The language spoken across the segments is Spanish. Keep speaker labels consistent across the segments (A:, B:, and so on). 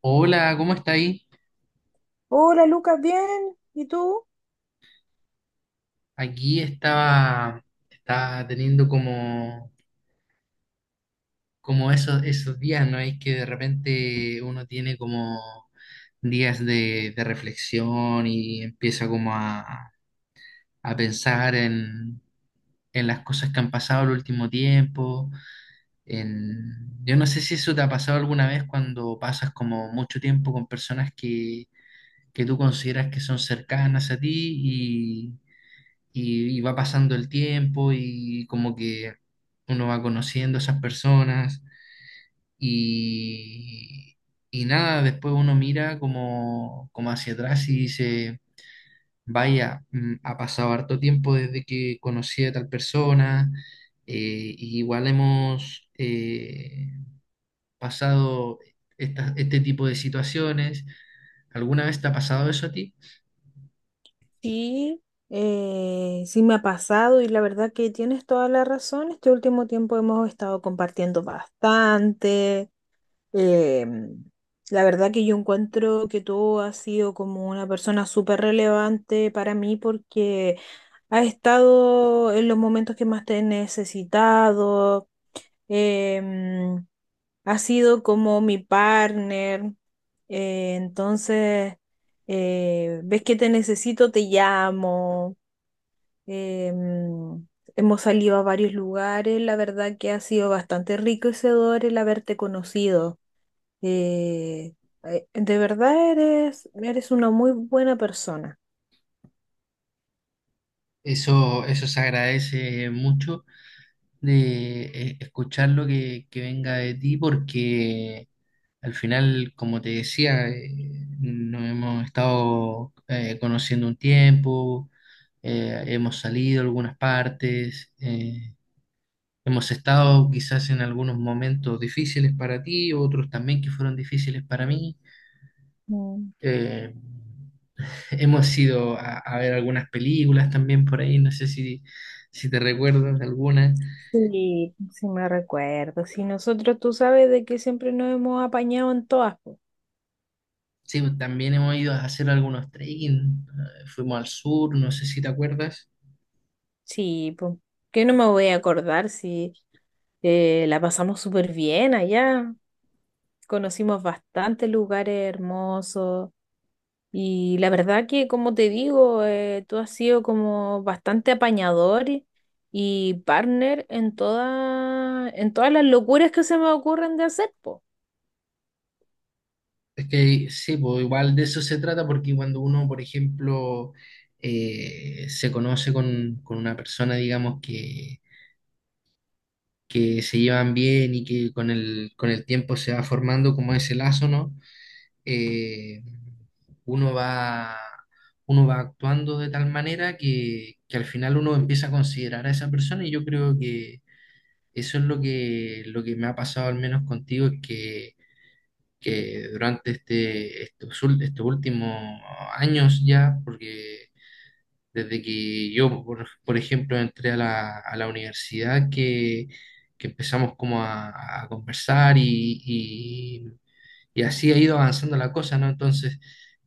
A: Hola, ¿cómo está ahí?
B: Hola Lucas, bien. ¿Y tú?
A: Aquí estaba, estaba teniendo como esos días, ¿no? Es que de repente uno tiene como días de reflexión y empieza como a pensar en las cosas que han pasado el último tiempo. Yo no sé si eso te ha pasado alguna vez cuando pasas como mucho tiempo con personas que tú consideras que son cercanas a ti y va pasando el tiempo y como que uno va conociendo a esas personas y, y nada, después uno mira como hacia atrás y dice, vaya, ha pasado harto tiempo desde que conocí a tal persona, y igual hemos pasado este tipo de situaciones. ¿Alguna vez te ha pasado eso a ti?
B: Sí. Sí me ha pasado y la verdad que tienes toda la razón. Este último tiempo hemos estado compartiendo bastante. Em, la verdad que yo encuentro que tú has sido como una persona súper relevante para mí porque has estado en los momentos que más te he necesitado. Em, Ha sido como mi partner, entonces, ves que te necesito, te llamo. em, Hemos salido a varios lugares. La verdad que ha sido bastante enriquecedor el haberte conocido. eh, de verdad eres una muy buena persona.
A: Eso se agradece mucho de escuchar lo que venga de ti porque al final, como te decía, nos hemos estado conociendo un tiempo, hemos salido a algunas partes, hemos estado quizás en algunos momentos difíciles para ti, otros también que fueron difíciles para mí.
B: Mm.
A: Eh, hemos ido a ver algunas películas también por ahí, no sé si te recuerdas de alguna.
B: Sí, sí me recuerdo. Si nosotros, tú sabes de que siempre nos hemos apañado en todas, po.
A: Sí, pues, también hemos ido a hacer algunos trekking, fuimos al sur, no sé si te acuerdas.
B: Sí, pues. Que no me voy a acordar si... La pasamos súper bien allá, conocimos bastantes lugares hermosos y la verdad que, como te digo, tú has sido como bastante apañador y partner en todas las locuras que se me ocurren de hacer, po.
A: Es que sí, pues igual de eso se trata porque cuando uno, por ejemplo, se conoce con una persona, digamos, que se llevan bien y que con con el tiempo se va formando como ese lazo, ¿no? Eh, uno va, uno va actuando de tal manera que al final uno empieza a considerar a esa persona, y yo creo que eso es lo lo que me ha pasado al menos contigo, es que durante estos últimos años ya, porque desde que yo, por ejemplo, entré a a la universidad, que empezamos como a conversar y y así ha ido avanzando la cosa, ¿no? Entonces,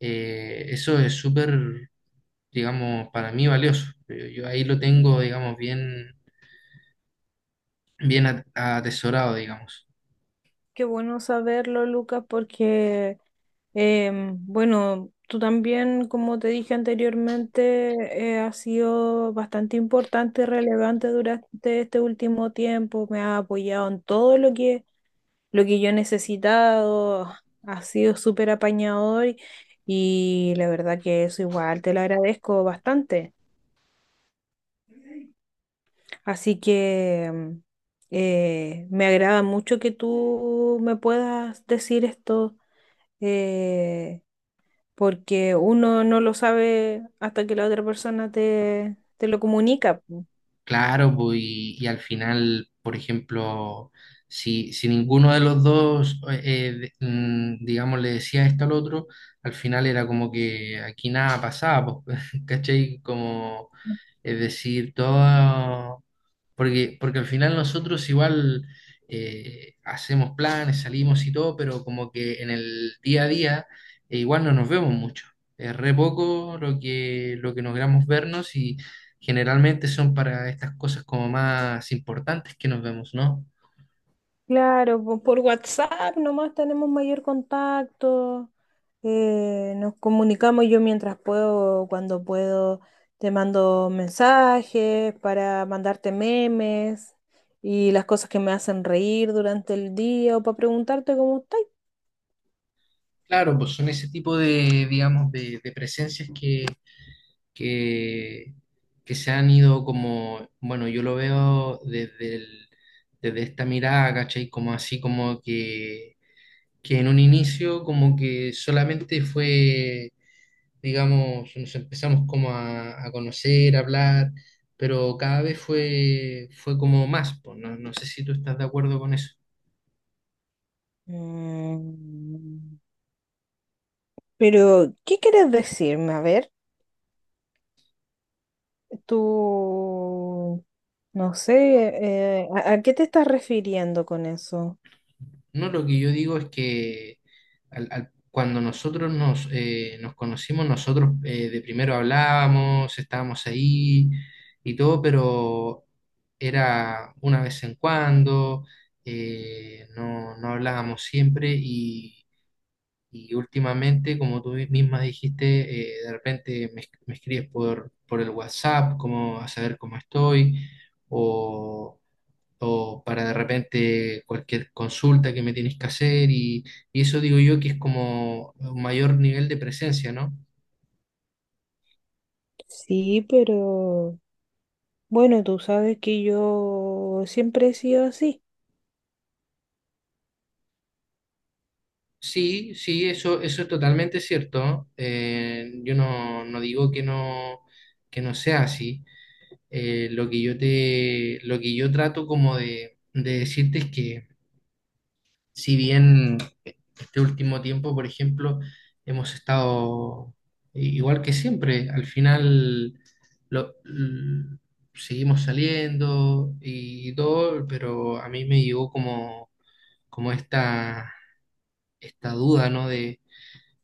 A: eso es súper, digamos, para mí valioso. Yo ahí lo tengo, digamos, bien atesorado, digamos.
B: Qué bueno saberlo, Lucas. Porque bueno, tú también, como te dije anteriormente, has sido bastante importante y relevante durante este último tiempo. Me has apoyado en todo lo que yo he necesitado. Has sido súper apañador y la verdad que eso igual te lo agradezco bastante. Así que me agrada mucho que tú me puedas decir esto, eh, porque uno no lo sabe hasta que la otra persona te lo comunica, po.
A: Claro, pues, y al final, por ejemplo, si ninguno de los dos, digamos, le decía esto al otro, al final era como que aquí nada pasaba, pues, ¿cachai? Como, es decir, todo, porque al final nosotros igual hacemos planes, salimos y todo, pero como que en el día a día igual no nos vemos mucho. Es re poco lo lo que logramos vernos. Generalmente son para estas cosas como más importantes que nos vemos, ¿no?
B: Claro. Por WhatsApp nomás tenemos mayor contacto. Nos comunicamos yo mientras puedo, cuando puedo, te mando mensajes para mandarte memes y las cosas que me hacen reír durante el día o para preguntarte cómo estás.
A: Claro, pues son ese tipo de, digamos, de presencias que, que se han ido como, bueno, yo lo veo desde esta mirada, ¿cachai? Como así como que en un inicio como que solamente fue, digamos, nos empezamos como a conocer, a hablar, pero cada vez fue como más, pues, no sé si tú estás de acuerdo con eso.
B: Mm. Pero ¿qué quieres decirme? A ver. Tú, no sé, ¿a qué te estás refiriendo con eso?
A: No, lo que yo digo es que cuando nosotros nos, nos conocimos, nosotros de primero hablábamos, estábamos ahí y todo, pero era una vez en cuando, no hablábamos siempre y últimamente, como tú misma dijiste, de repente me escribes por el WhatsApp, como a saber cómo estoy, o o para de repente cualquier consulta que me tienes que hacer y eso digo yo que es como un mayor nivel de presencia, ¿no?
B: Sí, pero bueno, tú sabes que yo siempre he sido así.
A: Sí, sí, eso es totalmente cierto. Yo no, no digo que no sea así. Lo que yo trato como de decirte es que si bien este último tiempo, por ejemplo, hemos estado igual que siempre. Al final lo- l- seguimos saliendo y todo, pero a mí me llegó como esta, esta duda, ¿no? De,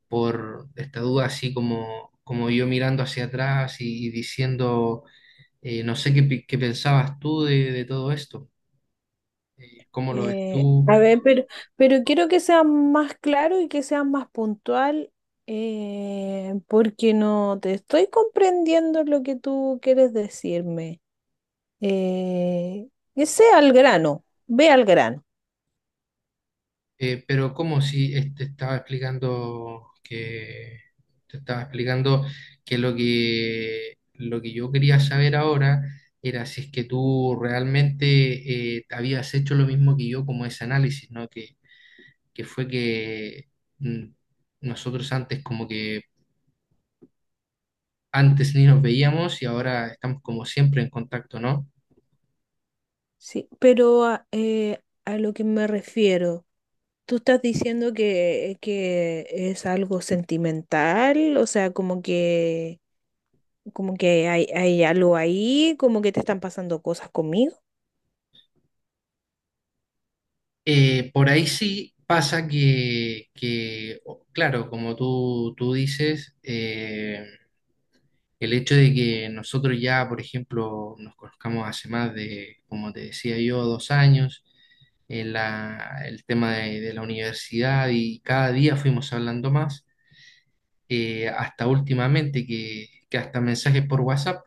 A: por esta duda así como yo mirando hacia atrás y diciendo, no sé qué, pi- qué pensabas tú de todo esto. ¿Cómo lo ves tú?
B: A ver, pero quiero que sea más claro y que sea más puntual, porque no te estoy comprendiendo lo que tú quieres decirme. Eh, que sea al grano, ve al grano.
A: Pero como si te estaba explicando que lo que yo quería saber ahora era si es que tú realmente habías hecho lo mismo que yo, como ese análisis, ¿no? Que fue que mm, nosotros antes como que antes ni nos veíamos y ahora estamos como siempre en contacto, ¿no?
B: Sí, pero a lo que me refiero, tú estás diciendo que es algo sentimental, o sea, como que hay algo ahí, como que te están pasando cosas conmigo.
A: Por ahí sí pasa claro, como tú dices, el hecho de que nosotros ya, por ejemplo, nos conozcamos hace más de, como te decía yo, dos años, en el tema de la universidad, y cada día fuimos hablando más, hasta últimamente que hasta mensajes por WhatsApp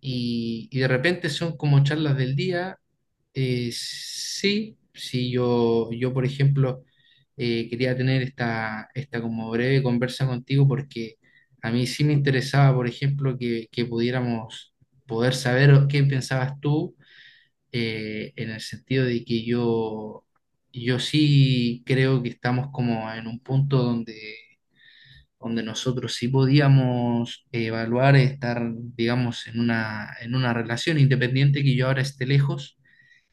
A: y de repente son como charlas del día. Sí, sí, yo por ejemplo quería tener esta como breve conversa contigo, porque a mí sí me interesaba, por ejemplo, que pudiéramos poder saber qué pensabas tú, en el sentido de que yo sí creo que estamos como en un punto donde, donde nosotros sí podíamos evaluar estar, digamos, en en una relación. Independiente que yo ahora esté lejos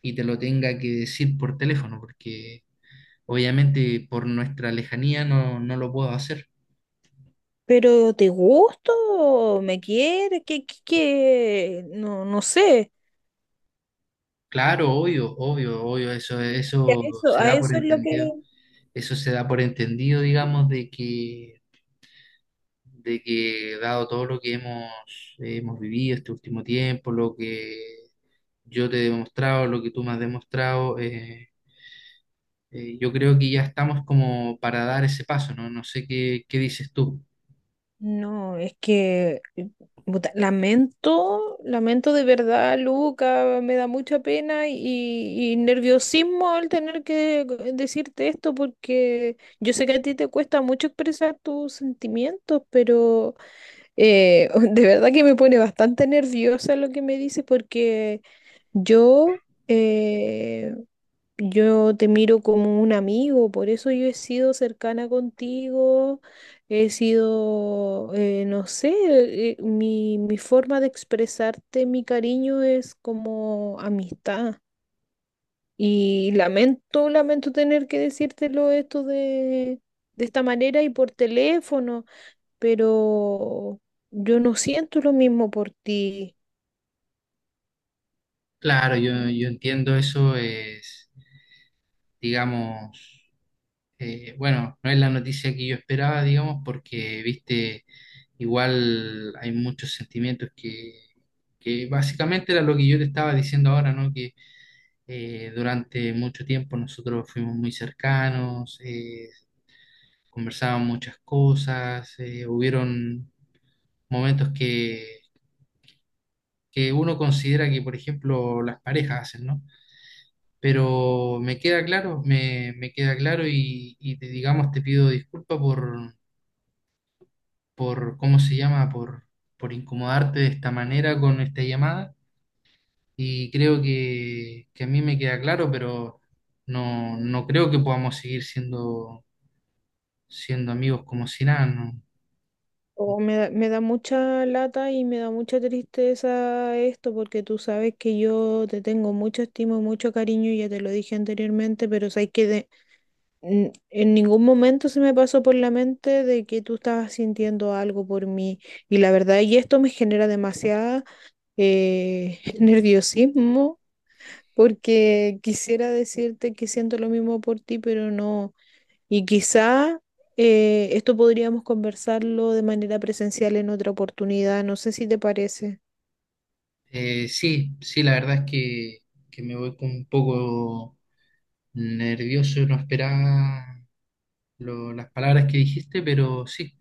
A: y te lo tenga que decir por teléfono, porque obviamente por nuestra lejanía no lo puedo hacer.
B: Pero ¿te gusto? ¿Me quieres? ¿Qué, qué, qué? No, no sé.
A: Claro, obvio, obvio, obvio,
B: Y
A: eso se
B: a
A: da por
B: eso es lo
A: entendido.
B: que...
A: Eso se da por entendido, digamos, de que dado todo lo que hemos vivido este último tiempo, lo que yo te he demostrado, lo que tú me has demostrado, yo creo que ya estamos como para dar ese paso, ¿no? No sé qué dices tú.
B: No, es que puta, lamento, lamento de verdad, Luca, me da mucha pena y nerviosismo al tener que decirte esto porque yo sé que a ti te cuesta mucho expresar tus sentimientos, pero de verdad que me pone bastante nerviosa lo que me dices porque yo... eh, Yo te miro como un amigo, por eso yo he sido cercana contigo, he sido, no sé, mi forma de expresarte mi cariño es como amistad. Y lamento, lamento tener que decírtelo esto de esta manera y por teléfono, pero yo no siento lo mismo por ti.
A: Claro, yo entiendo, eso es, digamos, bueno, no es la noticia que yo esperaba, digamos, porque, viste, igual hay muchos sentimientos que básicamente era lo que yo te estaba diciendo ahora, ¿no? Que durante mucho tiempo nosotros fuimos muy cercanos, conversábamos muchas cosas, hubieron momentos que uno considera que, por ejemplo, las parejas hacen, ¿no? Pero me queda claro, me queda claro y digamos, te pido disculpa ¿cómo se llama? Por incomodarte de esta manera con esta llamada. Y creo que a mí me queda claro, pero no creo que podamos seguir siendo amigos como si nada, ¿no?
B: O me da mucha lata y me da mucha tristeza esto porque tú sabes que yo te tengo mucho estima y mucho cariño, ya te lo dije anteriormente, pero sabes que en ningún momento se me pasó por la mente de que tú estabas sintiendo algo por mí. Y la verdad, y esto me genera demasiada nerviosismo porque quisiera decirte que siento lo mismo por ti, pero no. Y quizá esto podríamos conversarlo de manera presencial en otra oportunidad. No sé si te parece.
A: Sí, sí, la verdad es que me voy con un poco nervioso, no esperaba las palabras que dijiste, pero sí.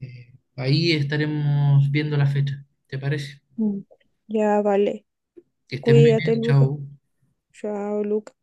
A: Ahí estaremos viendo la fecha. ¿Te parece?
B: Mm. Ya, vale.
A: Que estés muy
B: Cuídate,
A: bien.
B: Lucas.
A: Chao.
B: Chao, Lucas.